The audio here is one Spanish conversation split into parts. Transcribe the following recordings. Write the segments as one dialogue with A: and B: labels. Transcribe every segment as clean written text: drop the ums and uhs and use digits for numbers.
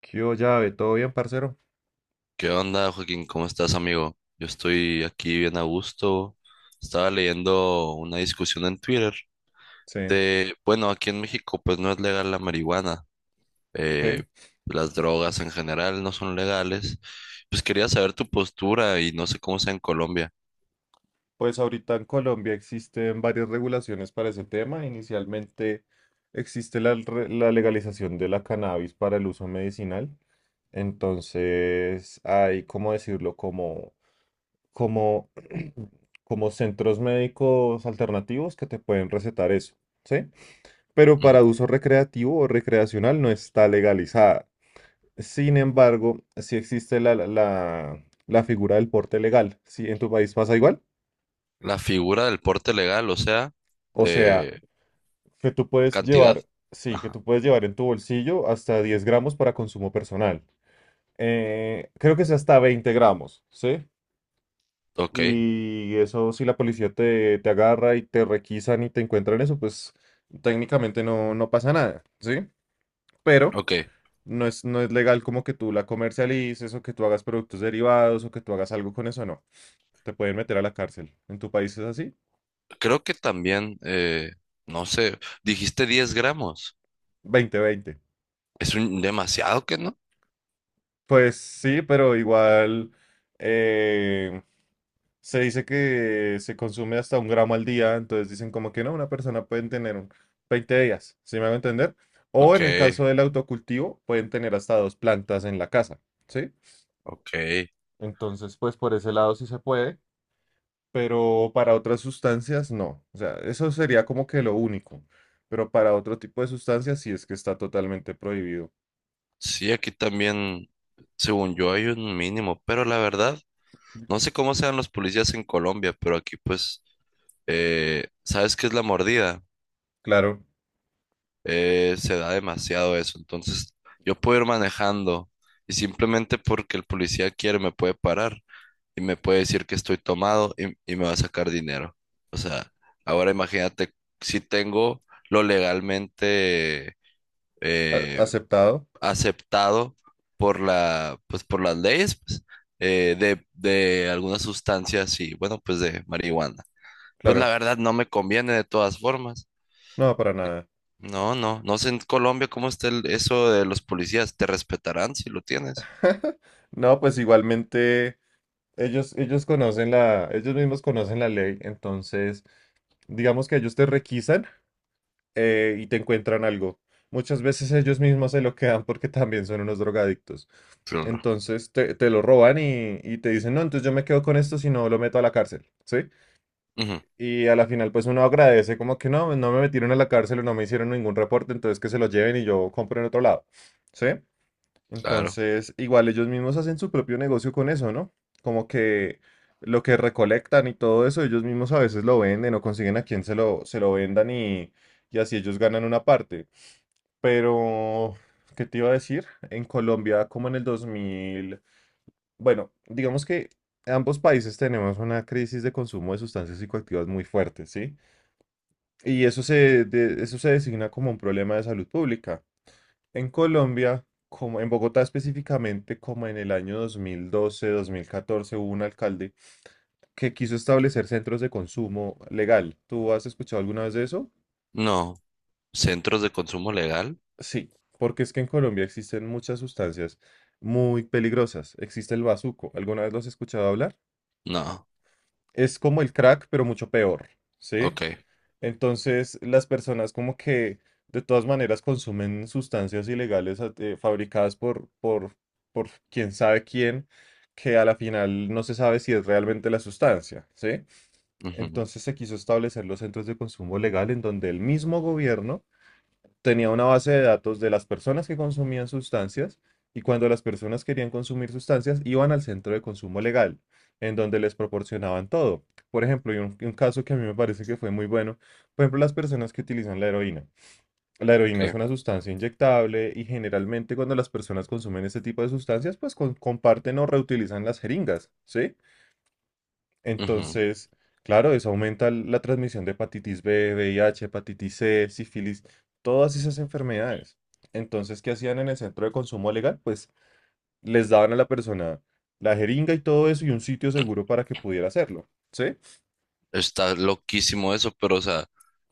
A: ¿Qué hubo, llave? ¿Todo bien, parcero?
B: ¿Qué onda, Joaquín? ¿Cómo estás, amigo? Yo estoy aquí bien a gusto. Estaba leyendo una discusión en Twitter
A: Sí.
B: de, bueno, aquí en México pues no es legal la marihuana.
A: Ok,
B: eh, las drogas en general no son legales. Pues quería saber tu postura y no sé cómo sea en Colombia.
A: pues ahorita en Colombia existen varias regulaciones para ese tema. Inicialmente existe la legalización de la cannabis para el uso medicinal. Entonces hay, ¿cómo decirlo? Como, como centros médicos alternativos que te pueden recetar eso, ¿sí? Pero
B: Ujú.
A: para uso recreativo o recreacional no está legalizada. Sin embargo, si existe figura del porte legal, si en tu país pasa igual,
B: La figura del porte legal, o sea,
A: o sea,
B: de
A: que tú puedes
B: cantidad.
A: llevar, sí, que
B: Ajá.
A: tú puedes llevar en tu bolsillo hasta 10 gramos para consumo personal. Creo que es hasta 20 gramos, ¿sí?
B: Ok,
A: Y eso, si la policía te agarra y te requisan y te encuentran eso, pues técnicamente no pasa nada, ¿sí? Pero
B: ok.
A: no es legal como que tú la comercialices o que tú hagas productos derivados o que tú hagas algo con eso, no. Te pueden meter a la cárcel. ¿En tu país es así?
B: Creo que también, no sé, dijiste 10 gramos.
A: 20, 20
B: Es un demasiado que no.
A: Pues sí, pero igual, eh, se dice que se consume hasta 1 gramo al día, entonces dicen como que no, una persona pueden tener un- 20 días, ¿sí me hago entender? O
B: Ok,
A: en el caso del autocultivo, pueden tener hasta 2 plantas en la casa, ¿sí?
B: ok.
A: Entonces, pues por ese lado sí se puede, pero para otras sustancias no. O sea, eso sería como que lo único, pero para otro tipo de sustancias sí es que está totalmente prohibido.
B: Sí, aquí también, según yo, hay un mínimo, pero la verdad, no sé cómo sean los policías en Colombia, pero aquí pues, ¿sabes qué es la mordida?
A: Claro.
B: Se da demasiado eso, entonces yo puedo ir manejando y simplemente porque el policía quiere me puede parar y me puede decir que estoy tomado y me va a sacar dinero. O sea, ahora imagínate si tengo lo legalmente...
A: A-
B: eh,
A: aceptado,
B: aceptado por la, pues, por las leyes, pues, de algunas sustancias y, bueno, pues de marihuana. Pues la
A: claro.
B: verdad no me conviene de todas formas.
A: No, para nada.
B: No sé en Colombia cómo está el- eso de los policías. Te respetarán si lo tienes.
A: No, pues igualmente ellos conocen la, ellos mismos conocen la ley, entonces digamos que ellos te requisan, y te encuentran algo. Muchas veces ellos mismos se lo quedan porque también son unos drogadictos.
B: Claro.
A: Entonces te lo roban y te dicen, no, entonces yo me quedo con esto si no lo meto a la cárcel, ¿sí?
B: Ujú,
A: Y a la final pues uno agradece como que no, no me metieron a la cárcel o no me hicieron ningún reporte, entonces que se lo lleven y yo compro en otro lado, ¿sí?
B: claro.
A: Entonces, igual ellos mismos hacen su propio negocio con eso, ¿no? Como que lo que recolectan y todo eso, ellos mismos a veces lo venden o consiguen a quien se lo vendan, y así ellos ganan una parte. Pero, ¿qué te iba a decir? En Colombia, como en el 2000, bueno, digamos que ambos países tenemos una crisis de consumo de sustancias psicoactivas muy fuerte, ¿sí? Y eso eso se designa como un problema de salud pública. En Colombia, como en Bogotá específicamente, como en el año 2012, 2014, hubo un alcalde que quiso establecer centros de consumo legal. ¿Tú has escuchado alguna vez de eso?
B: No. ¿Centros de consumo legal?
A: Sí, porque es que en Colombia existen muchas sustancias muy peligrosas. Existe el bazuco. ¿Alguna vez lo has escuchado hablar?
B: No.
A: Es como el crack, pero mucho peor, ¿sí?
B: Ok.
A: Entonces, las personas como que de todas maneras consumen sustancias ilegales fabricadas por quién sabe quién, que a la final no se sabe si es realmente la sustancia, ¿sí?
B: Ujú,
A: Entonces se quiso establecer los centros de consumo legal en donde el mismo gobierno tenía una base de datos de las personas que consumían sustancias, y cuando las personas querían consumir sustancias iban al centro de consumo legal, en donde les proporcionaban todo. Por ejemplo, y un caso que a mí me parece que fue muy bueno, por ejemplo, las personas que utilizan la heroína. La heroína es
B: ok.
A: una sustancia inyectable y generalmente cuando las personas consumen este tipo de sustancias, pues comparten o reutilizan las jeringas, ¿sí?
B: Ujú.
A: Entonces, claro, eso aumenta la transmisión de hepatitis B, VIH, hepatitis C, sífilis, todas esas enfermedades. Entonces, ¿qué hacían en el centro de consumo legal? Pues les daban a la persona la jeringa y todo eso y un sitio seguro para que pudiera hacerlo. ¿Sí?
B: Está loquísimo eso, pero o sea,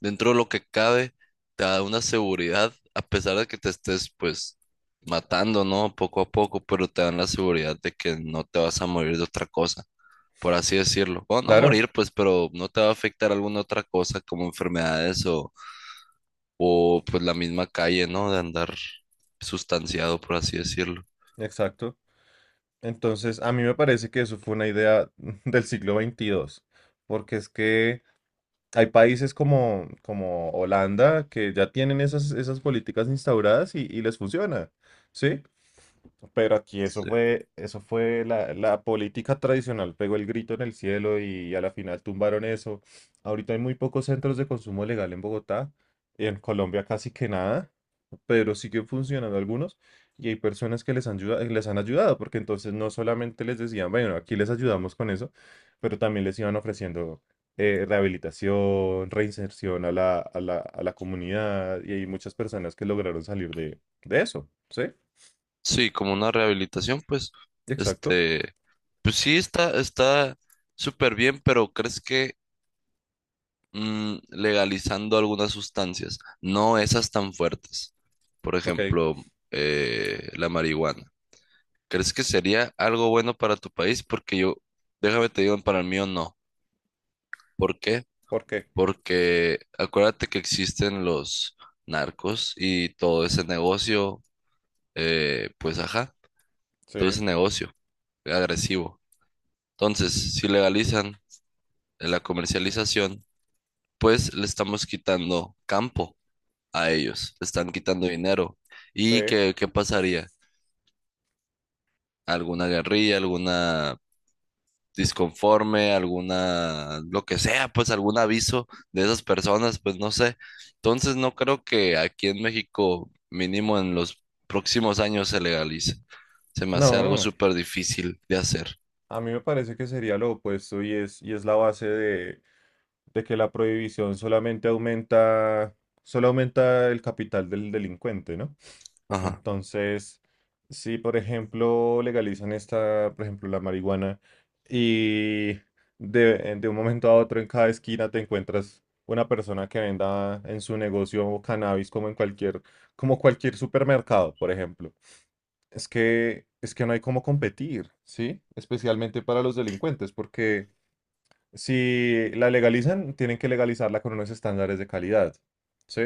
B: dentro de lo que cabe, te da una seguridad, a pesar de que te estés pues matando, ¿no? Poco a poco, pero te dan la seguridad de que no te vas a morir de otra cosa, por así decirlo. Bueno, no
A: Claro,
B: morir, pues, pero no te va a afectar alguna otra cosa como enfermedades o pues la misma calle, ¿no? De andar sustanciado, por así decirlo.
A: exacto. Entonces, a mí me parece que eso fue una idea del siglo XXII, porque es que hay países como, como Holanda que ya tienen esas, esas políticas instauradas y les funciona. ¿Sí? Pero aquí
B: Sí,
A: eso fue la política tradicional, pegó el grito en el cielo y a la final tumbaron eso. Ahorita hay muy pocos centros de consumo legal en Bogotá, en Colombia casi que nada, pero siguen funcionando algunos y hay personas que les han ayudado, porque entonces no solamente les decían, bueno, aquí les ayudamos con eso, pero también les iban ofreciendo rehabilitación, reinserción a a la comunidad, y hay muchas personas que lograron salir de eso, ¿sí?
B: sí, como una rehabilitación, pues,
A: Exacto.
B: este, pues sí está súper bien, pero ¿crees que... mm, legalizando algunas sustancias, no esas tan fuertes. Por
A: Ok,
B: ejemplo, la marihuana. ¿Crees que sería algo bueno para tu país? Porque yo, déjame te digo, para el mío no. ¿Por qué?
A: ¿por qué?
B: Porque acuérdate que existen los narcos y todo ese negocio, pues ajá,
A: Sí,
B: todo ese negocio agresivo. Entonces, si legalizan la comercialización, pues le estamos quitando campo a ellos, le están quitando dinero.
A: sí.
B: ¿Y qué pasaría? ¿Alguna guerrilla, alguna disconforme, alguna, lo que sea, pues algún aviso de esas personas? Pues no sé. Entonces no creo que aquí en México, mínimo en los próximos años, se legalice. Se me hace algo
A: No,
B: súper difícil de hacer.
A: a mí me parece que sería lo opuesto, y es la base de que la prohibición solamente aumenta, solo aumenta el capital del delincuente, ¿no?
B: Ajá,
A: Entonces, si por ejemplo legalizan esta, por ejemplo, la marihuana, y de un momento a otro en cada esquina te encuentras una persona que venda en su negocio cannabis como en cualquier, como cualquier supermercado, por ejemplo. Es que no hay cómo competir, ¿sí? Especialmente para los delincuentes, porque si la legalizan, tienen que legalizarla con unos estándares de calidad, ¿sí?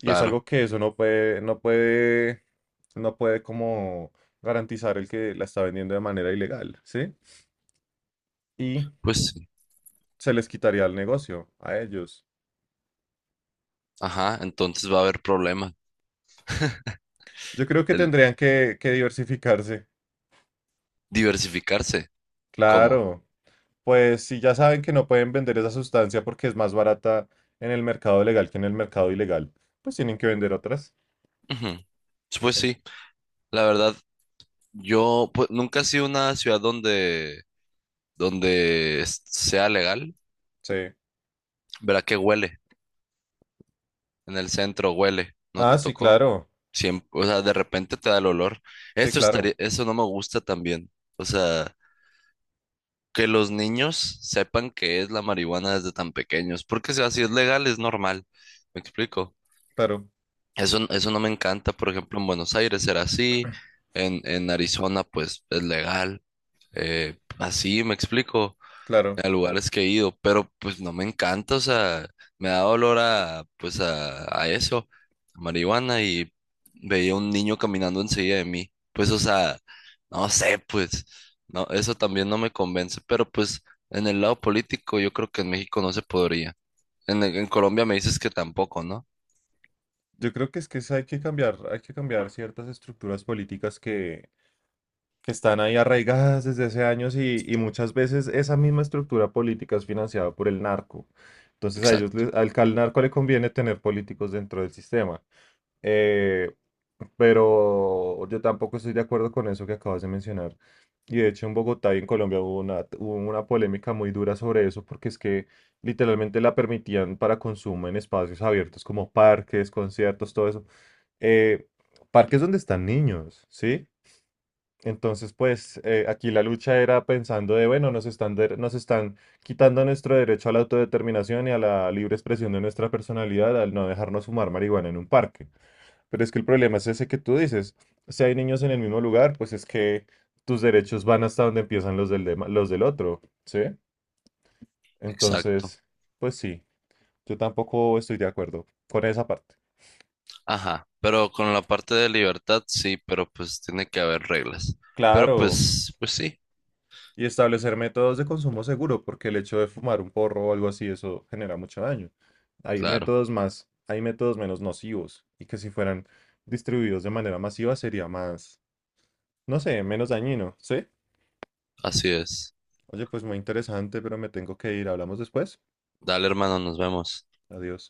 A: Y es
B: claro,
A: algo que eso no puede como garantizar el que la está vendiendo de manera ilegal, ¿sí? Y
B: pues sí.
A: se les quitaría el negocio a ellos.
B: Ajá, entonces va a haber problemas.
A: Yo creo que
B: El
A: tendrían que diversificarse.
B: diversificarse. ¿Cómo?
A: Claro. Pues si ya saben que no pueden vender esa sustancia porque es más barata en el mercado legal que en el mercado ilegal, pues tienen que vender otras.
B: Ujú. Pues
A: En-
B: sí, la verdad, yo pues, nunca he sido una ciudad donde, donde es- sea legal.
A: sí.
B: Verá que huele. En el centro huele. No
A: Ah,
B: te
A: sí,
B: tocó.
A: claro.
B: Siempre, o sea, de repente te da el olor.
A: Sí,
B: Eso estaría,
A: claro.
B: eso no me gusta también. O sea, que los niños sepan que es la marihuana desde tan pequeños. Porque si así es legal, es normal. ¿Me explico?
A: Claro,
B: Eso, n- eso no me encanta. Por ejemplo, en Buenos Aires era así. En Arizona, pues es legal. Así, me explico.
A: claro.
B: A lugares que he ido, pero pues no me encanta, o sea, me da dolor a, pues a eso, a marihuana, y veía un niño caminando enseguida de mí, pues o sea, no sé, pues, no, eso también no me convence, pero pues en el lado político yo creo que en México no se podría, en Colombia me dices que tampoco, ¿no?
A: Yo creo que es que hay que cambiar ciertas estructuras políticas que están ahí arraigadas desde hace años y muchas veces esa misma estructura política es financiada por el narco. Entonces a ellos,
B: Exacto,
A: al narco le conviene tener políticos dentro del sistema. Eh, pero yo tampoco estoy de acuerdo con eso que acabas de mencionar. Y de hecho en Bogotá y en Colombia hubo una polémica muy dura sobre eso, porque es que literalmente la permitían para consumo en espacios abiertos como parques, conciertos, todo eso. Eh, parques donde están niños, ¿sí? Entonces, aquí la lucha era pensando de, bueno, nos están quitando nuestro derecho a la autodeterminación y a la libre expresión de nuestra personalidad al no dejarnos fumar marihuana en un parque. Pero es que el problema es ese que tú dices. Si hay niños en el mismo lugar, pues es que tus derechos van hasta donde empiezan los los del otro, ¿sí?
B: exacto,
A: Entonces, pues sí, yo tampoco estoy de acuerdo con esa parte.
B: ajá, pero con la parte de libertad sí, pero pues tiene que haber reglas, pero
A: Claro,
B: pues, pues sí,
A: y establecer métodos de consumo seguro, porque el hecho de fumar un porro o algo así, eso genera mucho daño.
B: claro,
A: Hay métodos menos nocivos, y que si fueran distribuidos de manera masiva sería más, no sé, menos dañino, ¿sí?
B: así es.
A: Oye, pues muy interesante, pero me tengo que ir. ¿Hablamos después?
B: Dale, hermano, nos vemos.
A: Adiós.